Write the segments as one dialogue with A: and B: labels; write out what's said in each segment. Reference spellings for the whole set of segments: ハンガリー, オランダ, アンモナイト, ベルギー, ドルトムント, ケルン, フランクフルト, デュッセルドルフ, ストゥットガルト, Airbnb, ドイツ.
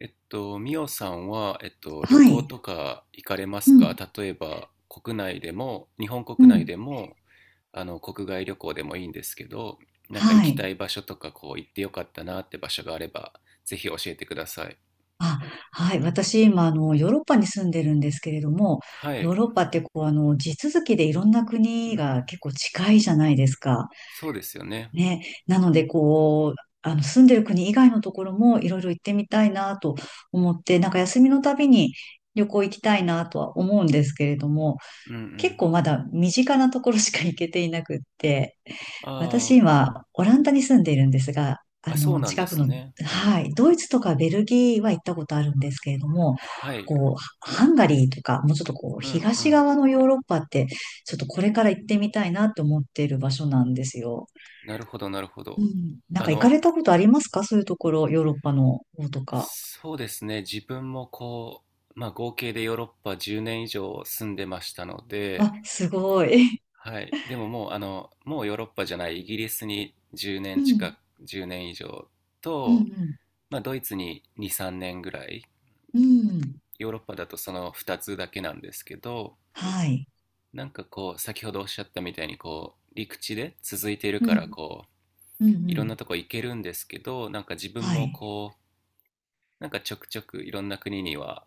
A: ミオさんは、旅
B: は
A: 行
B: い。
A: とか行かれま
B: う
A: すか？
B: ん、
A: 例えば、国内でも、日本
B: う
A: 国内
B: ん。
A: でも、国外旅行でもいいんですけど、なんか
B: は
A: 行き
B: い。
A: たい場所とか、こう、行ってよかったなって場所があれば、ぜひ教えてください。
B: あ、はい。私、今、ヨーロッパに住んでるんですけれども、
A: はい。
B: ヨーロッパって、地続きでいろんな
A: う
B: 国が
A: ん。
B: 結構近いじゃないですか。
A: そうですよね。
B: ね。なので、住んでる国以外のところもいろいろ行ってみたいなと思って、なんか休みのたびに旅行行きたいなとは思うんですけれども、
A: うんう
B: 結
A: ん。
B: 構まだ身近なところしか行けていなくって、
A: あ
B: 私今、オランダに住んでいるんですが、
A: あ、あ、そうなんで
B: 近く
A: す
B: の、
A: ね。うん。
B: はい、ドイツとかベルギーは行ったことあるんですけれども、
A: はい。
B: ハンガリーとか、もうちょっと
A: うんう
B: 東
A: ん。
B: 側のヨーロッパって、ちょっとこれから行ってみたいなと思っている場所なんですよ。
A: なるほど、なるほ
B: う
A: ど。
B: ん。なん
A: あ
B: か行か
A: の、
B: れたことありますか？そういうところ、ヨーロッパの方とか。
A: そうですね。自分もこう、まあ合計でヨーロッパ10年以上住んでましたの
B: あ、
A: で、
B: すごい。
A: はい。でももうもうヨーロッパじゃないイギリスに10
B: う
A: 年近
B: ん、
A: く、10年以上
B: う
A: と、
B: ん、
A: まあドイツに2、3年ぐらい、
B: うん、うん。
A: ヨーロッパだとその2つだけなんですけど、
B: はい。
A: なんかこう、先ほどおっしゃったみたいにこう、陸地で続いている
B: う
A: から
B: ん、
A: こう、
B: うん、う
A: いろん
B: ん。
A: なとこ行けるんですけど、なんか自分
B: は
A: も
B: い。
A: こう、なんかちょくちょくいろんな国には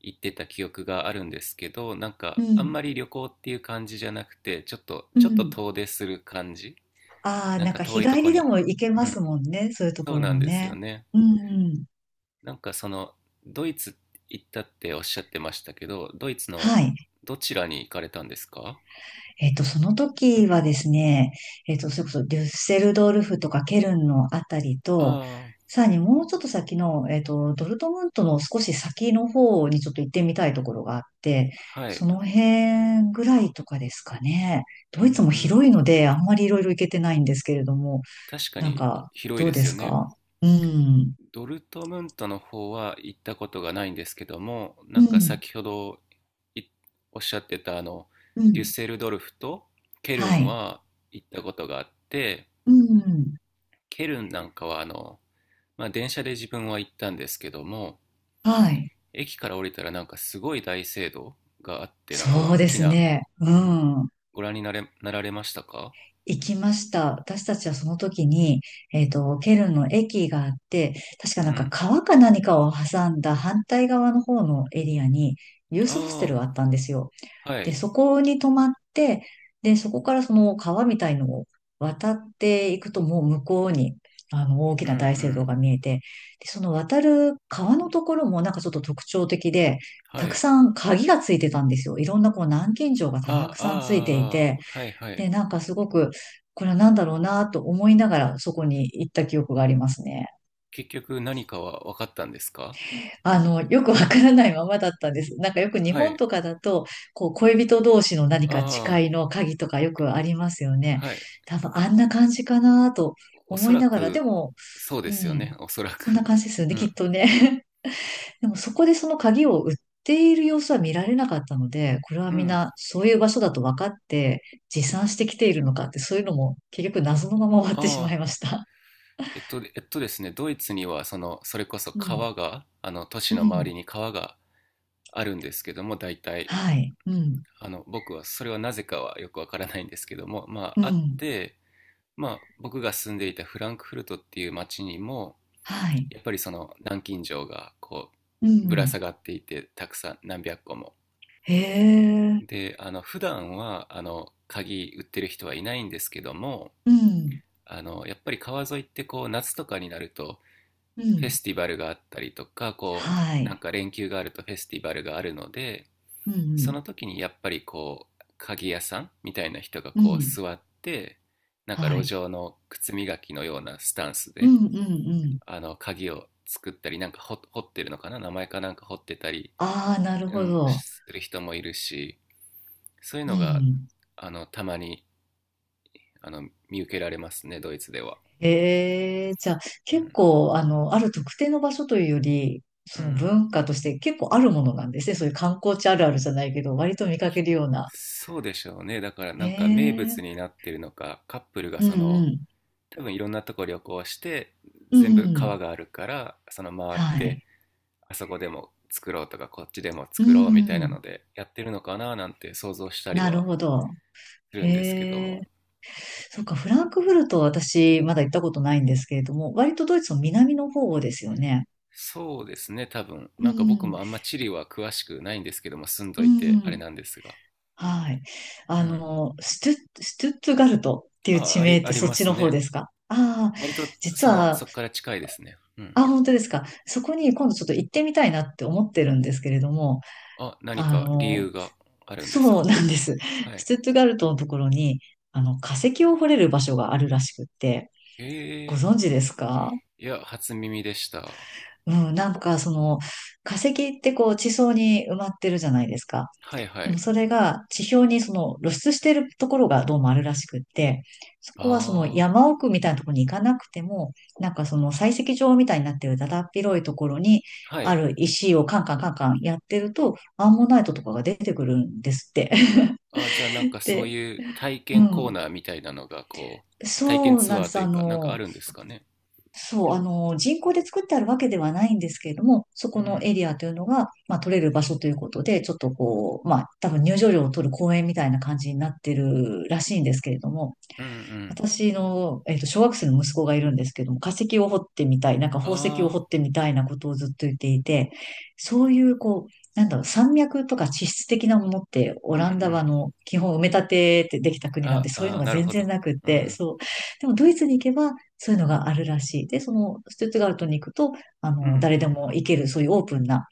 A: 行ってた記憶があるんですけど、なん
B: う
A: かあん
B: ん、
A: まり旅行っていう感じじゃなくて、ちょっと
B: う
A: ちょっと
B: ん。
A: 遠出する感じ。
B: ああ、
A: なん
B: なん
A: か
B: か日
A: 遠いと
B: 帰
A: こ
B: りで
A: に。
B: も行け
A: う
B: ます
A: ん。
B: もんね。そういうと
A: そ
B: こ
A: う
B: ろ
A: なん
B: も
A: ですよ
B: ね。
A: ね。
B: うんうん。
A: なんかその、ドイツ行ったっておっしゃってましたけど、ドイツの
B: はい。
A: どちらに行かれたんですか？
B: その時はですね、それこそデュッセルドルフとかケルンのあたりと、
A: あ
B: さらにもうちょっと先の、ドルトムントの少し先の方にちょっと行ってみたいところがあって、
A: あ、ーはい。
B: その辺ぐらいとかですかね。
A: う
B: ド
A: んう
B: イツも
A: ん。
B: 広いので、あんまりいろいろ行けてないんですけれども、
A: 確か
B: なん
A: に
B: か、
A: 広い
B: どう
A: で
B: で
A: すよ
B: す
A: ね。
B: か？うん。
A: ドルトムントの方は行ったことがないんですけども、な
B: う
A: んか
B: ん。
A: 先ほどいおっしゃってた
B: う
A: デュッ
B: ん。
A: セルドルフとケル
B: は
A: ン
B: い。
A: は行ったことがあって、
B: うん。
A: ケルンなんかはまあ、電車で自分は行ったんですけども、
B: はい。
A: 駅から降りたらなんかすごい大聖堂があって、なんか
B: そ
A: 大
B: うで
A: き
B: す
A: な、
B: ね。う
A: うん、
B: ん。
A: ご覧になられましたか？
B: 行きました。私たちはその時に、ケルンの駅があって、確か
A: う
B: なんか
A: ん。
B: 川か何かを挟んだ反対側の方のエリアに、ユースホステ
A: あ
B: ルがあったんですよ。
A: あ、は
B: で、
A: い。
B: そこに泊まって、で、そこからその川みたいのを渡っていくと、もう向こうに、大き
A: うんう
B: な大聖堂
A: ん。
B: が見えて、で、その渡る川のところもなんかちょっと特徴的で、
A: は
B: たく
A: い。
B: さん鍵がついてたんですよ。いろんな南京錠が
A: あ
B: たく
A: あ、
B: さんついてい
A: あ
B: て、
A: あ、はいはい。
B: で、なんかすごく、これは何だろうなと思いながらそこに行った記憶がありますね。
A: 結局何かは分かったんですか？
B: よくわからないままだったんです。なんかよく日
A: は
B: 本
A: い。
B: とかだと、恋人同士の何か
A: あ
B: 誓いの鍵とかよくありますよね。
A: あ、はい。
B: 多分あんな感じかなと
A: お
B: 思
A: そ
B: い
A: ら
B: ながら、で
A: く、
B: も、
A: そうで
B: う
A: すよ
B: ん、
A: ね、おそら
B: そんな
A: く。
B: 感じですよね、
A: う
B: き
A: ん。
B: っとね。でもそこでその鍵を売っている様子は見られなかったので、これは
A: う
B: みん
A: ん。
B: なそういう場所だと分かって持参してきているのかって、そういうのも結局謎のまま終わっ
A: あ
B: てしま
A: あ、
B: いました。
A: えっと、えっとですね、ドイツには、その、それこそ
B: うん、
A: 川が、都市
B: う
A: の周
B: ん、
A: りに川があるんですけども、大体、
B: はい、うん、
A: 僕は、それはなぜかはよくわからないんですけども、ま
B: う
A: あ、あっ
B: ん、
A: て、まあ、僕が住んでいたフランクフルトっていう町にも、
B: はい、
A: やっぱりその、南京錠が、こ
B: う
A: う、ぶら
B: ん。
A: 下がっていて、たくさん、何百個も。
B: へえ、
A: で、普段は、鍵売ってる人はいないんですけども、
B: うん、
A: やっぱり川沿いってこう夏とかになると
B: う
A: フェ
B: ん、
A: スティバルがあったりとか、こ
B: は
A: うなん
B: い、
A: か連休があるとフェスティバルがあるので、
B: うん、う
A: そ
B: ん、
A: の時にやっぱりこう鍵屋さんみたいな人が
B: う
A: こう
B: ん、
A: 座って、なん
B: は
A: か路
B: い、
A: 上の靴磨きのようなスタンス
B: う
A: で、
B: ん、うん、うん。
A: あの鍵を作ったり、なんか掘ってるのかな、名前かなんか掘ってたり、
B: ああ、なる
A: う
B: ほ
A: ん、
B: ど。
A: する人もいるし、そういう
B: う
A: のが
B: ん。
A: たまにあの見受けられますね、ドイツでは。
B: へえ、じゃあ、
A: う
B: 結
A: ん、
B: 構、ある特定の場所というより、
A: う
B: その
A: ん。
B: 文化として結構あるものなんですね。そういう観光地あるあるじゃないけど、割と見かけるような。
A: そうでしょうね。だから
B: へ
A: なんか名
B: え、
A: 物になってるのか、カップルが
B: うん、
A: その、
B: うん、
A: 多分いろんなとこ旅行して、
B: う
A: 全部
B: ん、
A: 川があるから、その回っ
B: は
A: て、
B: い、
A: あそこでも作ろうとか、こっちでも
B: う
A: 作ろうみたいな
B: ん、
A: ので、やってるのかななんて想像したり
B: なる
A: は
B: ほど。
A: するんですけど
B: へえ。
A: も。
B: そうか、フランクフルトは私まだ行ったことないんですけれども、割とドイツの南の方ですよね。
A: そうですね、多分。
B: う
A: なんか僕
B: ん、
A: もあんま地理は詳しくないんですけども、住んど
B: う
A: いてあれ
B: ん、
A: なんですが。
B: はい。
A: うん。
B: ストゥットガルトっていう
A: あ、
B: 地
A: あ
B: 名
A: り、
B: っ
A: あ
B: て
A: り
B: そっ
A: ま
B: ち
A: す
B: の方
A: ね。
B: ですか？ああ、
A: 割と、
B: 実
A: その、
B: は、
A: そっから近いですね。うん。
B: あ、本当ですか。そこに今度ちょっと行ってみたいなって思ってるんですけれども、
A: あ、何
B: あ
A: か理
B: の、
A: 由があるんです
B: そう
A: か？
B: なんです。
A: は
B: ス
A: い。
B: トゥットガルトのところに、化石を掘れる場所があるらしくって、
A: へ
B: ご
A: え、
B: 存知ですか？
A: いや、初耳でした。
B: うん、なんかその化石って地層に埋まってるじゃないですか。
A: はいは
B: でも
A: い。
B: それが地表にその露出してるところがどうもあるらしくって、そこはその
A: あ
B: 山奥みたいなところに行かなくても、なんかその採石場みたいになってるだだっ広いところに
A: あ、は
B: あ
A: い。
B: る石をカンカンカンカンやってると、アンモナイトとかが出てくるんですって。
A: あ、じゃあなん かそう
B: で、
A: いう体
B: う
A: 験コー
B: ん。
A: ナーみたいなのが、こう、体験
B: そう
A: ツ
B: なん
A: ア
B: で
A: ー
B: す。
A: というか、なんかあるんですかね？
B: そう、人工で作ってあるわけではないんですけれども、そ
A: う
B: この
A: ん、
B: エリアというのが、まあ、取れる場所ということで、ちょっとまあ、多分入場料を取る公園みたいな感じになってるらしいんですけれども、
A: うん、うん。
B: 私の、小学生の息子がいるんですけども、化石を掘ってみたい、なんか
A: あ
B: 宝石を掘
A: あ、
B: ってみたいなことをずっと言っていて、そういう、なんだろう、山脈とか地質的なものって、オ
A: うんう
B: ランダは
A: ん。
B: 基本埋め立てってできた国なの
A: あ、
B: で、そういう
A: あ
B: の
A: ー、
B: が
A: なる
B: 全
A: ほど。
B: 然なくっ
A: う
B: て、
A: ん、
B: そう。でも、ドイツに行けば、そういうのがあるらしい。で、その、ストゥットガルトに行くと、
A: うん、う
B: 誰で
A: ん。
B: も行ける、そういうオープンな、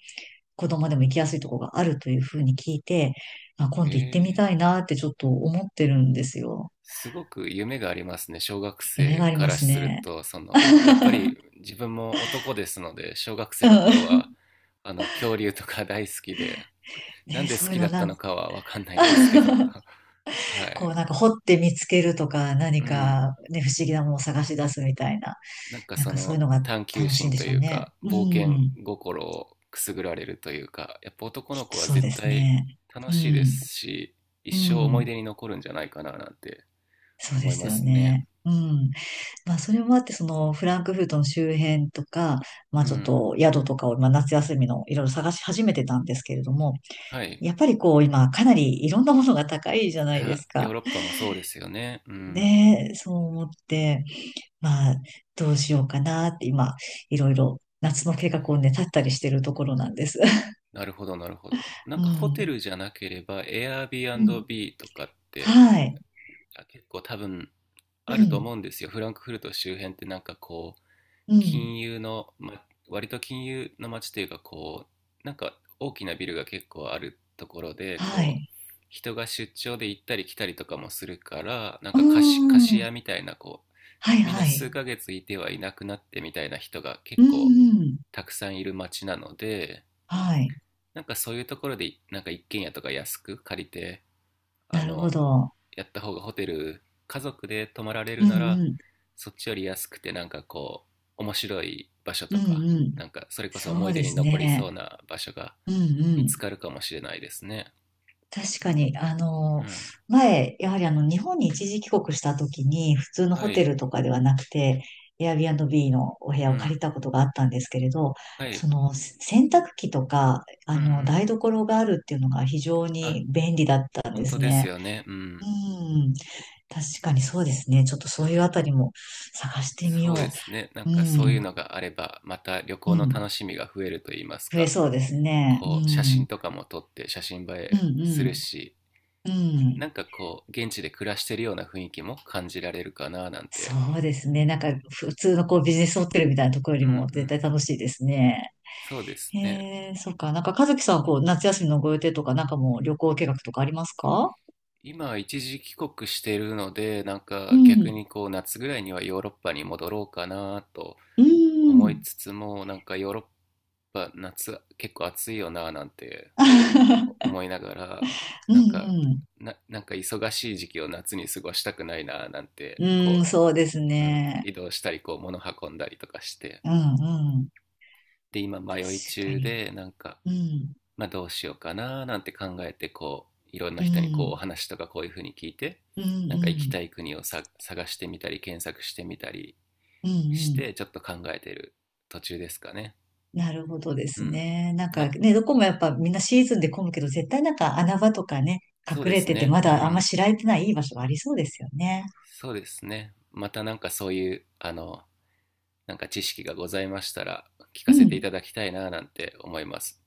B: 子供でも行きやすいところがあるというふうに聞いて、あ、今
A: へ
B: 度行ってみ
A: え、
B: たいなってちょっと思ってるんですよ。
A: すごく夢がありますね。小学
B: 夢
A: 生
B: があり
A: か
B: ま
A: ら
B: す
A: する
B: ね。
A: と、その、やっ
B: う
A: ぱり
B: ん
A: 自分も男ですので、小学生の頃は、恐竜とか大好きで、なん
B: ね、
A: で好
B: そういう
A: きだ
B: の
A: った
B: な
A: の
B: ん
A: かはわかんないんですけど はい。
B: なんか掘って見つけるとか何
A: うん。
B: かね、不思議なものを探し出すみたいな、
A: なんか
B: なん
A: そ
B: かそうい
A: の
B: うのが
A: 探求
B: 楽しいん
A: 心
B: で
A: と
B: しょう
A: いう
B: ね。
A: か、
B: う
A: 冒険
B: ん。
A: 心をくすぐられるというか、やっぱ男の
B: きっ
A: 子
B: と
A: は
B: そう
A: 絶
B: です
A: 対
B: ね。う
A: 楽しいで
B: ん。
A: すし、一
B: う
A: 生思い
B: ん。
A: 出に残るんじゃないかななんて
B: そう
A: 思
B: で
A: い
B: す
A: ま
B: よ
A: すね。
B: ね。うん。まあそれもあって、そのフランクフルトの周辺とか、ま
A: う
B: あちょっ
A: ん。
B: と宿とかを、まあ、夏休みのいろいろ探し始めてたんですけれども、
A: はい。
B: やっぱり今かなりいろんなものが高いじゃないで
A: あ、
B: す
A: ヨー
B: か。
A: ロッパもそうですよね。うん。
B: ねえ、そう思って。まあ、どうしようかなって今、いろいろ夏の計画をね、立ったりしてるところなんです。
A: なるほど、なるほど。なん
B: う
A: かホテ
B: ん。
A: ルじゃなければ、
B: うん。
A: Airbnb とかって、
B: はい。
A: あ、結構多分
B: う
A: あると
B: ん。
A: 思うんですよ。フランクフルト周辺ってなんかこう、
B: うん。
A: 金融の、ま、割と金融の街というか、こうなんか大きなビルが結構あるところで、
B: は
A: こう
B: い。
A: 人が出張で行ったり来たりとかもするから、なん
B: うー
A: か貸し
B: ん。
A: 屋みたいなこう、
B: はい
A: みんな
B: は
A: 数
B: い。
A: ヶ月いてはいなくなってみたいな人が
B: う
A: 結
B: ん
A: 構
B: うん。
A: たくさんいる街なので、
B: はい。
A: なんかそういうところでなんか一軒家とか安く借りて、あ
B: なるほ
A: の
B: ど。
A: やった方が、ホテル家族で泊まられ
B: う
A: るな
B: ん
A: ら
B: うん。
A: そっちより安くて、なんかこう面白い場所
B: う
A: と
B: ん
A: か、
B: うん。
A: なんかそれこそ思
B: そ
A: い
B: う
A: 出
B: で
A: に
B: す
A: 残り
B: ね。
A: そうな場所が
B: うんう
A: 見
B: ん。
A: つかるかもしれないですね。
B: 確かに、
A: うん。
B: 前、やはり日本に一時帰国した時に、普通の
A: は
B: ホテ
A: い。
B: ルとかではなくて、Airbnb のお部
A: う
B: 屋を借
A: ん。
B: りたことがあったんですけれど、
A: は
B: そ
A: い。
B: の、洗濯機とか、
A: うんうん。
B: 台所があるっていうのが非常
A: あ、
B: に便利だったんで
A: 本当
B: す
A: です
B: ね。
A: よね。う
B: う
A: ん。
B: ん、確かにそうですね。ちょっとそういうあたりも探してみよ
A: そうです
B: う。
A: ね。なん
B: う
A: かそうい
B: ん、
A: うのがあれば、また旅
B: う
A: 行の
B: ん、
A: 楽しみが増えると言います
B: 増え
A: か、
B: そうですね。う
A: こう、写真
B: ん、
A: とかも撮って写真映
B: う
A: えする
B: ん、
A: し、
B: うん、うん。
A: なんかこう、現地で暮らしてるような雰囲気も感じられるかななん
B: そ
A: て。
B: うですね。なんか、普通のビジネスホテルみたいなところよ
A: う
B: り
A: ん
B: も
A: う
B: 絶
A: ん。
B: 対楽しいですね。
A: そうです
B: へ
A: ね。
B: え、そっか。なんか、和樹さん、夏休みのご予定とか、なんかもう旅行計画とかありますか？
A: 今、一時帰国してるので、なん
B: う
A: か逆
B: ん。
A: にこう、夏ぐらいにはヨーロッパに戻ろうかなと
B: う
A: 思い
B: ん。
A: つつも、なんかヨーロッパ、夏結構暑いよななんて 思いながら、
B: う
A: なんか、
B: ん、
A: なんか忙しい時期を夏に過ごしたくないななんて、
B: うん。うん、
A: こ
B: そうです
A: う、うん、
B: ね。
A: 移動したり、こう、物運んだりとかして。
B: うん、うん。
A: で、今
B: 確
A: 迷い
B: か
A: 中
B: に。
A: で、なんか、
B: うん、
A: まあ、どうしようかななんて考えて、こういろんな
B: う
A: 人にこうお
B: ん、
A: 話とかこういうふうに聞いて、
B: うん、う
A: なんか行き
B: ん、
A: たい国をさ、探してみたり検索してみたり
B: うん、う
A: し
B: ん。
A: て、ちょっと考えてる途中ですかね。
B: なるほどで
A: う
B: す
A: ん、
B: ね。なんか
A: な
B: ね、どこもやっぱみんなシーズンで混むけど、絶対なんか穴場とかね、
A: そう
B: 隠
A: で
B: れ
A: す
B: てて、
A: ね。
B: ま
A: う
B: だあんま
A: ん、
B: 知られてないいい場所がありそうですよね。
A: そうですね。またなんかそういうなんか知識がございましたら、聞
B: う
A: かせてい
B: ん。
A: ただきたいななんて思います。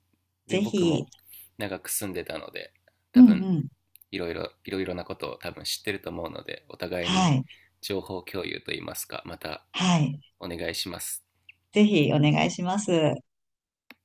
A: で
B: ぜ
A: 僕
B: ひ。
A: も長く住んでたので、
B: う
A: 多
B: ん
A: 分
B: うん。
A: いろいろなことを多分知ってると思うので、お互い
B: は
A: に
B: い。
A: 情報共有といいますか、また
B: はい。
A: お願いします。
B: ぜひお願いします。